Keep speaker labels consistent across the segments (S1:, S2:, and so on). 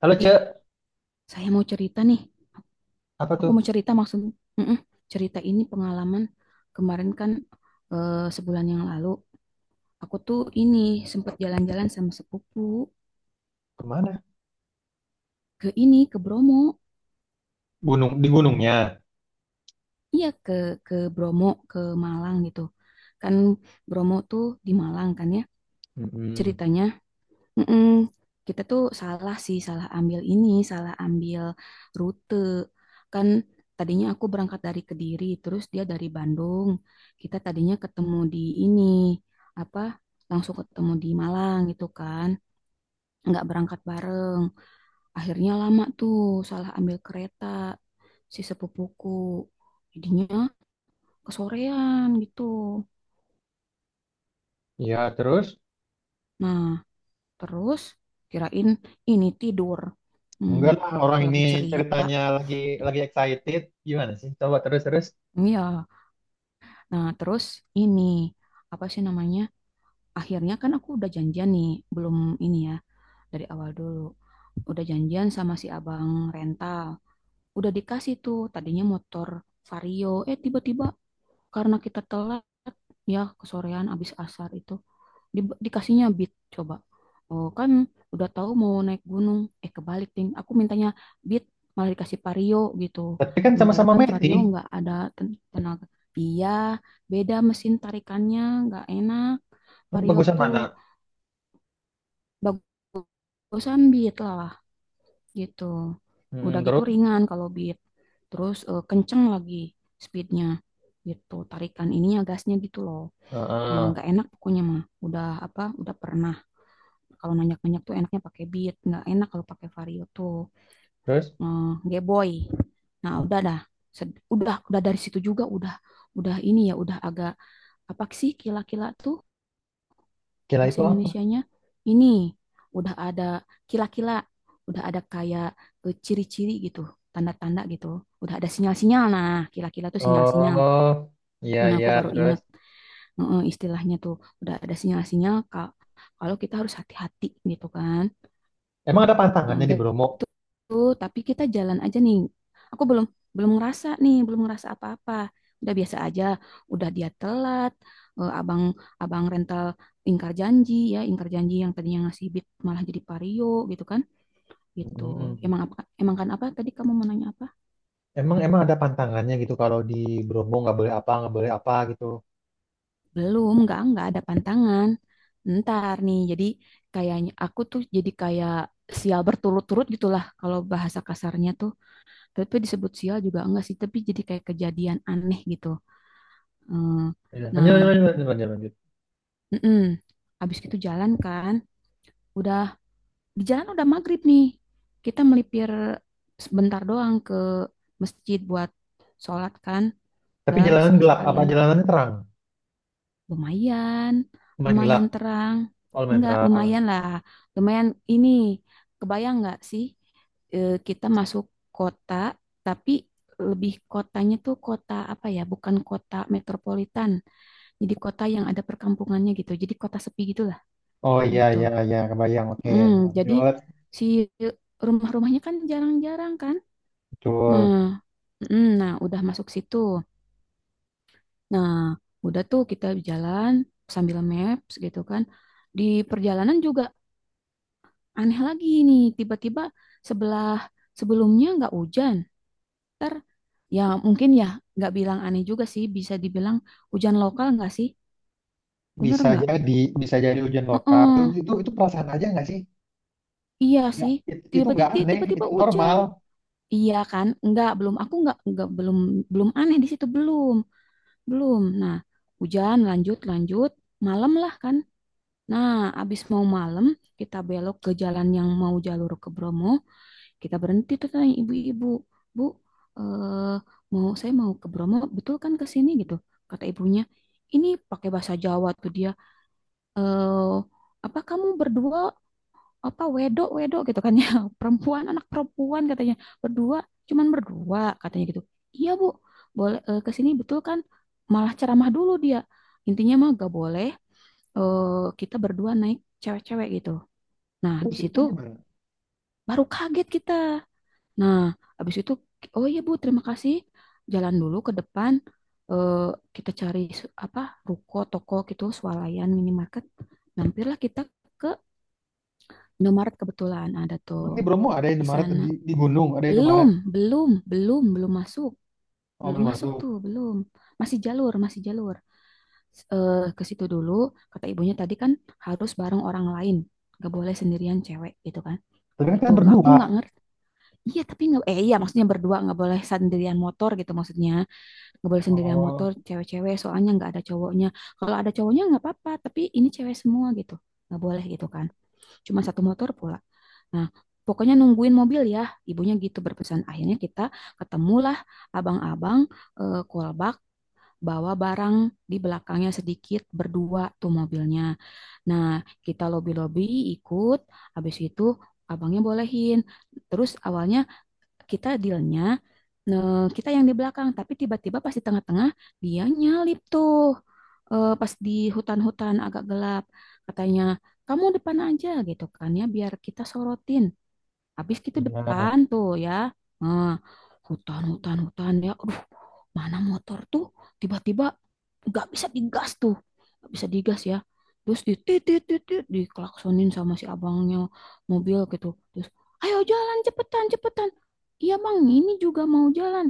S1: Halo
S2: Ih,
S1: Ce,
S2: saya mau cerita nih.
S1: apa
S2: Aku
S1: tuh?
S2: mau cerita maksud, Mm-mm. Cerita ini pengalaman kemarin kan eh, sebulan yang lalu. Aku tuh ini sempat jalan-jalan sama sepupu
S1: Kemana?
S2: ke ini ke Bromo.
S1: Gunung di gunungnya.
S2: Iya ke Bromo ke Malang gitu. Kan Bromo tuh di Malang kan ya.
S1: Mm-mm.
S2: Ceritanya Mm-mm. Kita tuh salah sih, salah ambil ini, salah ambil rute. Kan tadinya aku berangkat dari Kediri, terus dia dari Bandung. Kita tadinya ketemu di ini, apa, langsung ketemu di Malang gitu kan. Nggak berangkat bareng. Akhirnya lama tuh, salah ambil kereta si sepupuku. Jadinya kesorean gitu.
S1: Ya terus?
S2: Nah, terus kirain ini tidur. Hmm,
S1: Enggak lah, orang ini
S2: lagi cerita.
S1: ceritanya lagi excited. Gimana sih? Coba terus terus.
S2: Iya, nah terus ini apa sih namanya? Akhirnya kan aku udah janjian nih, belum ini ya dari awal dulu. Udah janjian sama si abang rental. Udah dikasih tuh tadinya motor Vario. Eh tiba-tiba karena kita telat ya kesorean abis asar itu di, dikasihnya beat coba. Oh, kan udah tahu mau naik gunung. Eh kebalik, Ting. Aku mintanya beat malah dikasih vario gitu.
S1: Tapi kan
S2: Sementara
S1: sama-sama
S2: kan
S1: Meti.
S2: vario nggak ada tenaga. Iya, beda mesin tarikannya nggak enak. Vario
S1: Bagusan
S2: tuh
S1: mana?
S2: bagusan beat lah gitu. Udah
S1: Mm-mm,
S2: gitu
S1: terus?
S2: ringan kalau beat. Terus kenceng lagi speednya gitu. Tarikan ininya gasnya gitu loh. Eh,
S1: Heeh.
S2: nggak enak pokoknya mah. Udah apa? Udah pernah. Kalau nanjak-nanjak tuh enaknya pakai beat, nggak enak kalau pakai vario tuh
S1: Terus?
S2: eh, geboy. Nah, udah dah. Udah dari situ juga udah ini ya udah agak apa sih kila-kila tuh
S1: Kira itu
S2: bahasa
S1: apa?
S2: Indonesianya? Ini udah ada kila-kila, udah ada kayak ciri-ciri gitu, tanda-tanda gitu. Udah ada sinyal-sinyal. Nah, kila-kila tuh sinyal-sinyal.
S1: Oh, iya
S2: Nah,
S1: iya
S2: aku baru
S1: terus.
S2: inget istilahnya tuh udah ada sinyal-sinyal Kak, kalau kita harus hati-hati gitu kan.
S1: Emang ada
S2: Nah,
S1: pantangannya di
S2: udah
S1: Bromo?
S2: tuh, tapi kita jalan aja nih. Aku belum belum ngerasa nih, belum ngerasa apa-apa. Udah biasa aja, udah dia telat. Abang abang rental ingkar janji ya, ingkar janji yang tadinya ngasih bit malah jadi Vario gitu kan. Gitu.
S1: Mm-mm.
S2: Emang apa emang kan apa tadi kamu mau nanya apa?
S1: Emang emang ada pantangannya gitu kalau di Bromo nggak boleh apa gitu.
S2: Belum, enggak ada pantangan. Ntar nih, jadi kayaknya aku tuh jadi kayak sial berturut-turut gitulah kalau bahasa kasarnya tuh, tapi disebut sial juga enggak sih, tapi jadi kayak kejadian aneh gitu. Hmm,
S1: Iya. Lanjut lanjut
S2: nah,
S1: lanjut lanjut. Lanjut.
S2: mm habis itu jalan kan udah di jalan udah maghrib nih, kita melipir sebentar doang ke masjid buat sholat kan
S1: Tapi
S2: udah
S1: jalanan gelap apa
S2: sekalian.
S1: jalanannya terang?
S2: Lumayan,
S1: Cuman gelap.
S2: lumayan terang.
S1: Oh, lumayan
S2: Enggak,
S1: terang.
S2: lumayan lah. Lumayan ini, kebayang nggak sih, kita masuk kota, tapi lebih kotanya tuh kota apa ya, bukan kota metropolitan. Jadi kota yang ada perkampungannya gitu. Jadi kota sepi gitulah
S1: Oh iya
S2: gitu.
S1: iya iya kebayang. Oke,
S2: Mm, jadi
S1: lanjut.
S2: si rumah-rumahnya kan jarang-jarang kan.
S1: Betul.
S2: Nah, nah udah masuk situ. Nah, udah tuh kita jalan sambil maps gitu kan. Di perjalanan juga aneh lagi nih, tiba-tiba sebelah sebelumnya nggak hujan. Ntar ya mungkin ya, nggak bilang aneh juga sih, bisa dibilang hujan lokal nggak sih? Bener
S1: Bisa
S2: nggak?
S1: jadi bisa jadi hujan lokal. Itu
S2: Heeh,
S1: itu, itu perasaan aja nggak sih?
S2: iya
S1: Nggak,
S2: sih.
S1: itu
S2: Tiba-tiba
S1: nggak aneh,
S2: tiba-tiba
S1: itu
S2: hujan.
S1: normal.
S2: Iya kan? Nggak, belum aku nggak belum belum aneh di situ belum. Belum. Nah, hujan lanjut lanjut malam lah kan. Nah, abis mau malam, kita belok ke jalan yang mau jalur ke Bromo. Kita berhenti tuh tanya ibu-ibu, Bu, eh, mau saya mau ke Bromo, betul kan ke sini gitu? Kata ibunya, ini pakai bahasa Jawa tuh dia. Eh, apa kamu berdua apa wedok wedok gitu kan ya perempuan anak perempuan katanya berdua, cuman berdua katanya gitu. Iya bu, boleh ke sini betul kan? Malah ceramah dulu dia, intinya mah gak boleh eh, kita berdua naik cewek-cewek gitu. Nah, di
S1: Terus itu
S2: situ
S1: gimana?
S2: baru kaget kita. Nah, habis itu, oh iya Bu, terima kasih. Jalan dulu ke depan, eh, kita cari apa ruko, toko gitu, swalayan, minimarket. Mampirlah kita ke Indomaret, kebetulan ada
S1: Emang
S2: tuh
S1: di Bromo ada
S2: di
S1: Indomaret
S2: sana.
S1: di gunung, ada
S2: Belum,
S1: Indomaret.
S2: belum, belum, belum masuk,
S1: Oh,
S2: belum
S1: belum
S2: masuk
S1: masuk.
S2: tuh, belum. Masih jalur, masih jalur. Ke situ dulu, kata ibunya tadi kan harus bareng orang lain, nggak boleh sendirian cewek gitu kan.
S1: Tapi kan
S2: Itu
S1: kita
S2: aku
S1: berdua.
S2: nggak ngerti. Iya tapi nggak, eh iya maksudnya berdua nggak boleh sendirian motor gitu maksudnya, nggak boleh sendirian motor
S1: Oh,
S2: cewek-cewek soalnya nggak ada cowoknya. Kalau ada cowoknya nggak apa-apa, tapi ini cewek semua gitu, nggak boleh gitu kan, cuma satu motor pula. Nah, pokoknya nungguin mobil ya ibunya gitu berpesan. Akhirnya kita ketemulah abang-abang kolbak bawa barang di belakangnya sedikit, berdua tuh mobilnya. Nah, kita lobi-lobi ikut. Habis itu abangnya bolehin. Terus awalnya kita dealnya, nah, kita yang di belakang, tapi tiba-tiba pas di tengah-tengah dia nyalip tuh. Eh, pas di hutan-hutan agak gelap katanya kamu depan aja gitu kan ya, biar kita sorotin. Habis kita
S1: iya.
S2: depan tuh ya. Nah, hutan, hutan, hutan ya. Aduh, mana motor tuh tiba-tiba nggak bisa digas tuh. Nggak bisa digas ya. Terus ditit-tit-tit diklaksonin sama si abangnya mobil gitu. Terus, ayo jalan cepetan, cepetan. Iya bang, ini juga mau jalan.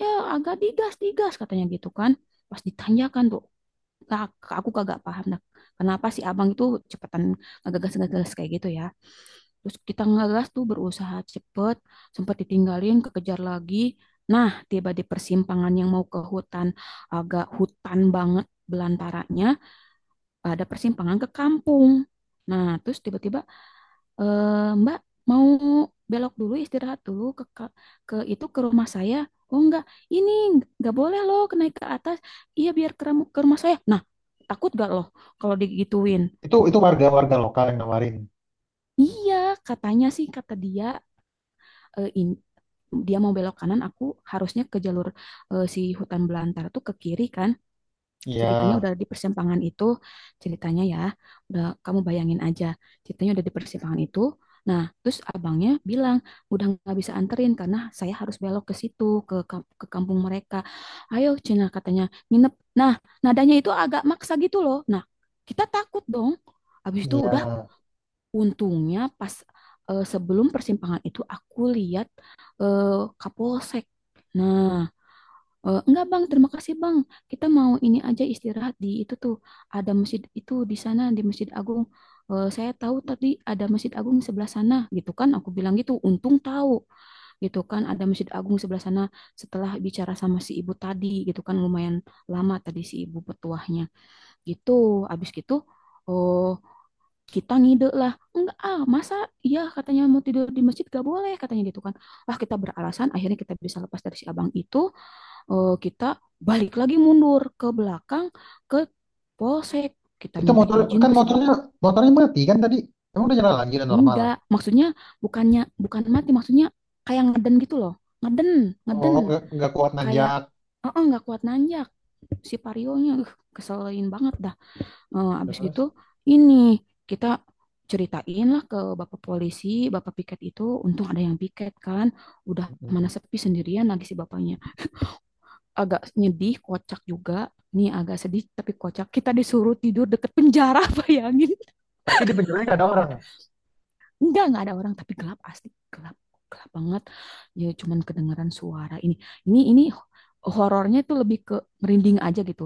S2: Ya agak digas, digas katanya gitu kan. Pas ditanyakan tuh, Kak, aku kagak paham dah. Kenapa si abang itu cepetan ngegas-ngegas kayak gitu ya. Terus kita ngegas tuh berusaha cepet, sempat ditinggalin, kekejar lagi. Nah, tiba di persimpangan yang mau ke hutan, agak hutan banget belantaranya, ada persimpangan ke kampung. Nah, terus tiba-tiba, eh, Mbak mau belok dulu, istirahat dulu ke, ke itu ke rumah saya. Oh enggak, ini enggak boleh loh naik ke atas. Iya biar ke rumah saya. Nah, takut gak loh kalau digituin?
S1: Itu warga-warga lokal yang nawarin.
S2: Iya, katanya sih kata dia eh, in- dia mau belok kanan, aku harusnya ke jalur si hutan belantara tuh ke kiri kan. Ceritanya
S1: Iya,
S2: udah di persimpangan itu, ceritanya ya udah kamu bayangin aja, ceritanya udah di persimpangan itu. Nah, terus abangnya bilang udah nggak bisa anterin karena saya harus belok ke situ ke kampung mereka. Ayo Cina katanya nginep. Nah, nadanya itu agak maksa gitu loh. Nah, kita takut dong. Habis itu udah.
S1: iya.
S2: Untungnya pas sebelum persimpangan itu aku lihat eh, Kapolsek. Nah, enggak Bang, terima kasih Bang. Kita mau ini aja istirahat di itu tuh. Ada masjid itu di sana, di Masjid Agung. Eh, saya tahu tadi ada Masjid Agung sebelah sana gitu kan. Aku bilang gitu, untung tahu gitu kan ada Masjid Agung sebelah sana setelah bicara sama si ibu tadi gitu kan, lumayan lama tadi si ibu petuahnya. Gitu. Habis gitu, oh, kita ngide lah enggak ah masa, ya katanya mau tidur di masjid gak boleh katanya gitu kan. Ah kita beralasan, akhirnya kita bisa lepas dari si abang itu. Kita balik lagi mundur ke belakang ke polsek, kita
S1: Itu
S2: minta
S1: motor
S2: izin
S1: kan
S2: ke
S1: motornya motornya mati kan tadi. Emang udah jalan lagi udah normal.
S2: enggak maksudnya, bukannya bukan mati, maksudnya kayak ngeden gitu loh, ngeden, ngeden,
S1: Oh, nggak kuat
S2: kayak,
S1: nanjak.
S2: oh oh nggak kuat nanjak. Si parionya keselin banget dah. Eh, abis
S1: Terus.
S2: gitu ini kita ceritain lah ke bapak polisi, bapak piket itu, untung ada yang piket kan. Udah mana sepi sendirian lagi si bapaknya. Agak nyedih, kocak juga. Nih agak sedih tapi kocak. Kita disuruh tidur deket penjara, bayangin.
S1: Tapi di penjaganya nggak ada orang.
S2: Enggak ada orang, tapi gelap asli, gelap, gelap banget. Ya cuman kedengaran suara ini. Ini horornya tuh lebih ke merinding aja gitu.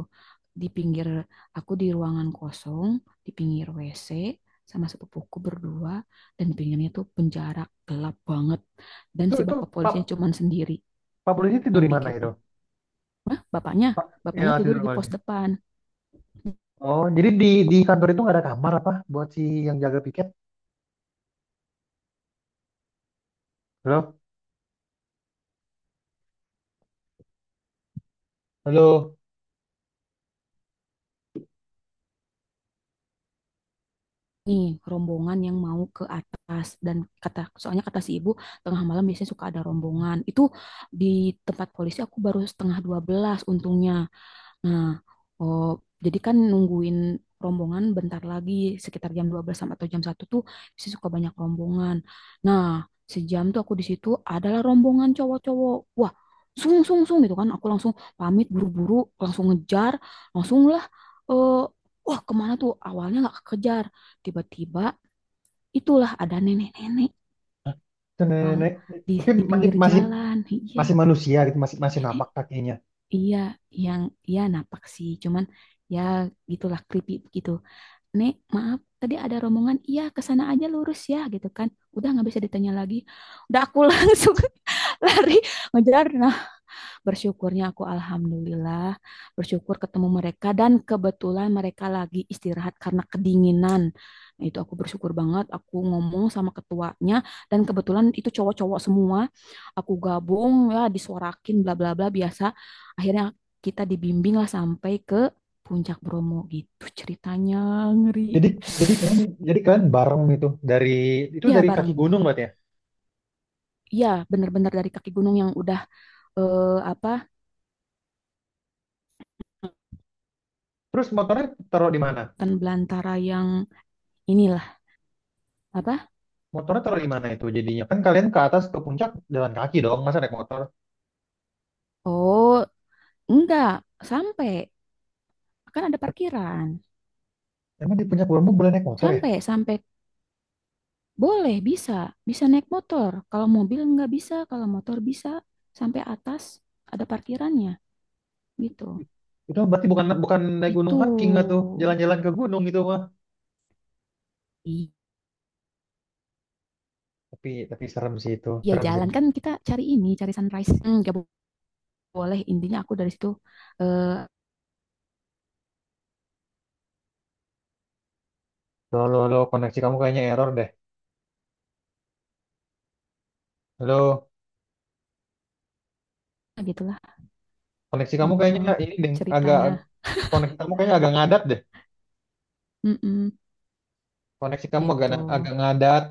S2: Di pinggir aku di ruangan kosong, di pinggir WC sama sepupuku berdua, dan di pinggirnya tuh penjara gelap banget, dan si
S1: Itu
S2: bapak
S1: Pak
S2: polisinya cuman sendiri
S1: Pak polisi tidur
S2: yang
S1: di mana itu?
S2: piketnya. Wah, bapaknya,
S1: Pak ya
S2: bapaknya tidur
S1: tidur di
S2: di
S1: mana
S2: pos
S1: dia?
S2: depan.
S1: Oh, jadi di kantor itu nggak ada kamar apa buat si yang jaga piket? Halo, halo.
S2: Nih rombongan yang mau ke atas, dan kata soalnya kata si ibu tengah malam biasanya suka ada rombongan itu di tempat polisi. Aku baru setengah 12 untungnya. Nah, oh, jadi kan nungguin rombongan bentar lagi sekitar jam 12 sampai atau jam 1 tuh bisa suka banyak rombongan. Nah, sejam tuh aku di situ adalah rombongan cowok-cowok. Wah, sung sung sung gitu kan. Aku langsung pamit buru-buru, langsung ngejar, langsung lah eh wah kemana tuh? Awalnya nggak kekejar. Tiba-tiba itulah ada nenek-nenek,
S1: Hah? Itu
S2: Bang,
S1: Nenek,
S2: di
S1: tapi
S2: di
S1: masih
S2: pinggir
S1: masih
S2: jalan. Iya,
S1: masih manusia gitu, masih masih
S2: nenek.
S1: napak kakinya.
S2: Iya, yang ya napak sih, cuman ya gitulah creepy gitu. Nek, maaf, tadi ada rombongan, iya ke sana aja lurus ya gitu kan. Udah nggak bisa ditanya lagi. Udah aku langsung lari ngejar. Bersyukurnya aku alhamdulillah bersyukur ketemu mereka, dan kebetulan mereka lagi istirahat karena kedinginan. Nah, itu aku bersyukur banget. Aku ngomong sama ketuanya, dan kebetulan itu cowok-cowok semua. Aku gabung ya disuarakin bla bla bla biasa. Akhirnya kita dibimbing lah sampai ke Puncak Bromo gitu ceritanya ngeri.
S1: Jadi jadi kalian jadi kalian bareng itu
S2: Ya
S1: dari kaki
S2: bareng.
S1: gunung berarti ya.
S2: Ya bener-bener dari kaki gunung yang udah apa
S1: Terus motornya taruh di mana?
S2: kan belantara yang inilah apa?
S1: Motornya taruh di mana itu jadinya? Kan kalian ke atas ke puncak jalan kaki dong, masa naik motor?
S2: Oh, enggak, sampai. Kan ada parkiran.
S1: Emang di puncak Bromo boleh naik motor ya?
S2: Sampai, sampai. Boleh, bisa. Bisa naik motor. Kalau mobil nggak bisa, kalau motor bisa. Sampai atas ada parkirannya. Gitu.
S1: Itu berarti bukan bukan naik gunung
S2: Gitu.
S1: hiking nggak tuh, jalan-jalan ke gunung itu mah. Tapi serem sih itu,
S2: Iya,
S1: serem sih.
S2: jalan. Kan kita cari ini, cari sunrise. Nggak boleh. Intinya aku dari situ. Eh,
S1: Lo lo lo koneksi kamu kayaknya error deh. Lo
S2: gitulah.
S1: koneksi kamu kayaknya
S2: Heeh,
S1: ini deh, agak
S2: ceritanya.
S1: koneksi kamu kayaknya agak ngadat deh.
S2: Mm-mm,
S1: Koneksi kamu agak
S2: gitu.
S1: agak ngadat.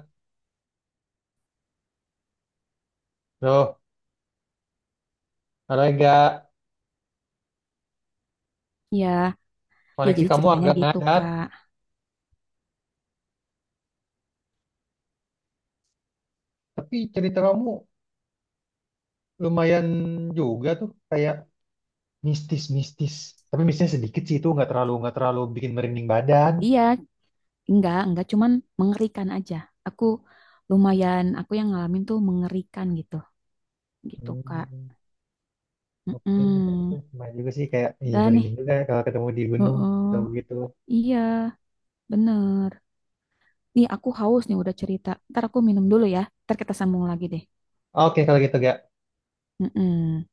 S1: Lo ada enggak
S2: Ya, ya
S1: koneksi
S2: jadi
S1: kamu
S2: ceritanya
S1: agak
S2: gitu,
S1: ngadat.
S2: Kak.
S1: Tapi cerita kamu lumayan juga tuh kayak mistis-mistis. Tapi mistisnya sedikit sih itu nggak terlalu bikin merinding badan.
S2: Iya, enggak, cuman mengerikan aja. Aku lumayan, aku yang ngalamin tuh mengerikan gitu, gitu Kak.
S1: Hmm. Oke, itu
S2: Mm-mm.
S1: lumayan juga sih kayak ih
S2: Udah nih,
S1: merinding juga kalau ketemu di gunung
S2: heeh.
S1: ketemu gitu.
S2: Iya, bener. Nih aku haus nih udah cerita. Ntar aku minum dulu ya, ntar kita sambung lagi deh.
S1: Oke, kalau gitu gak
S2: Mm-mm.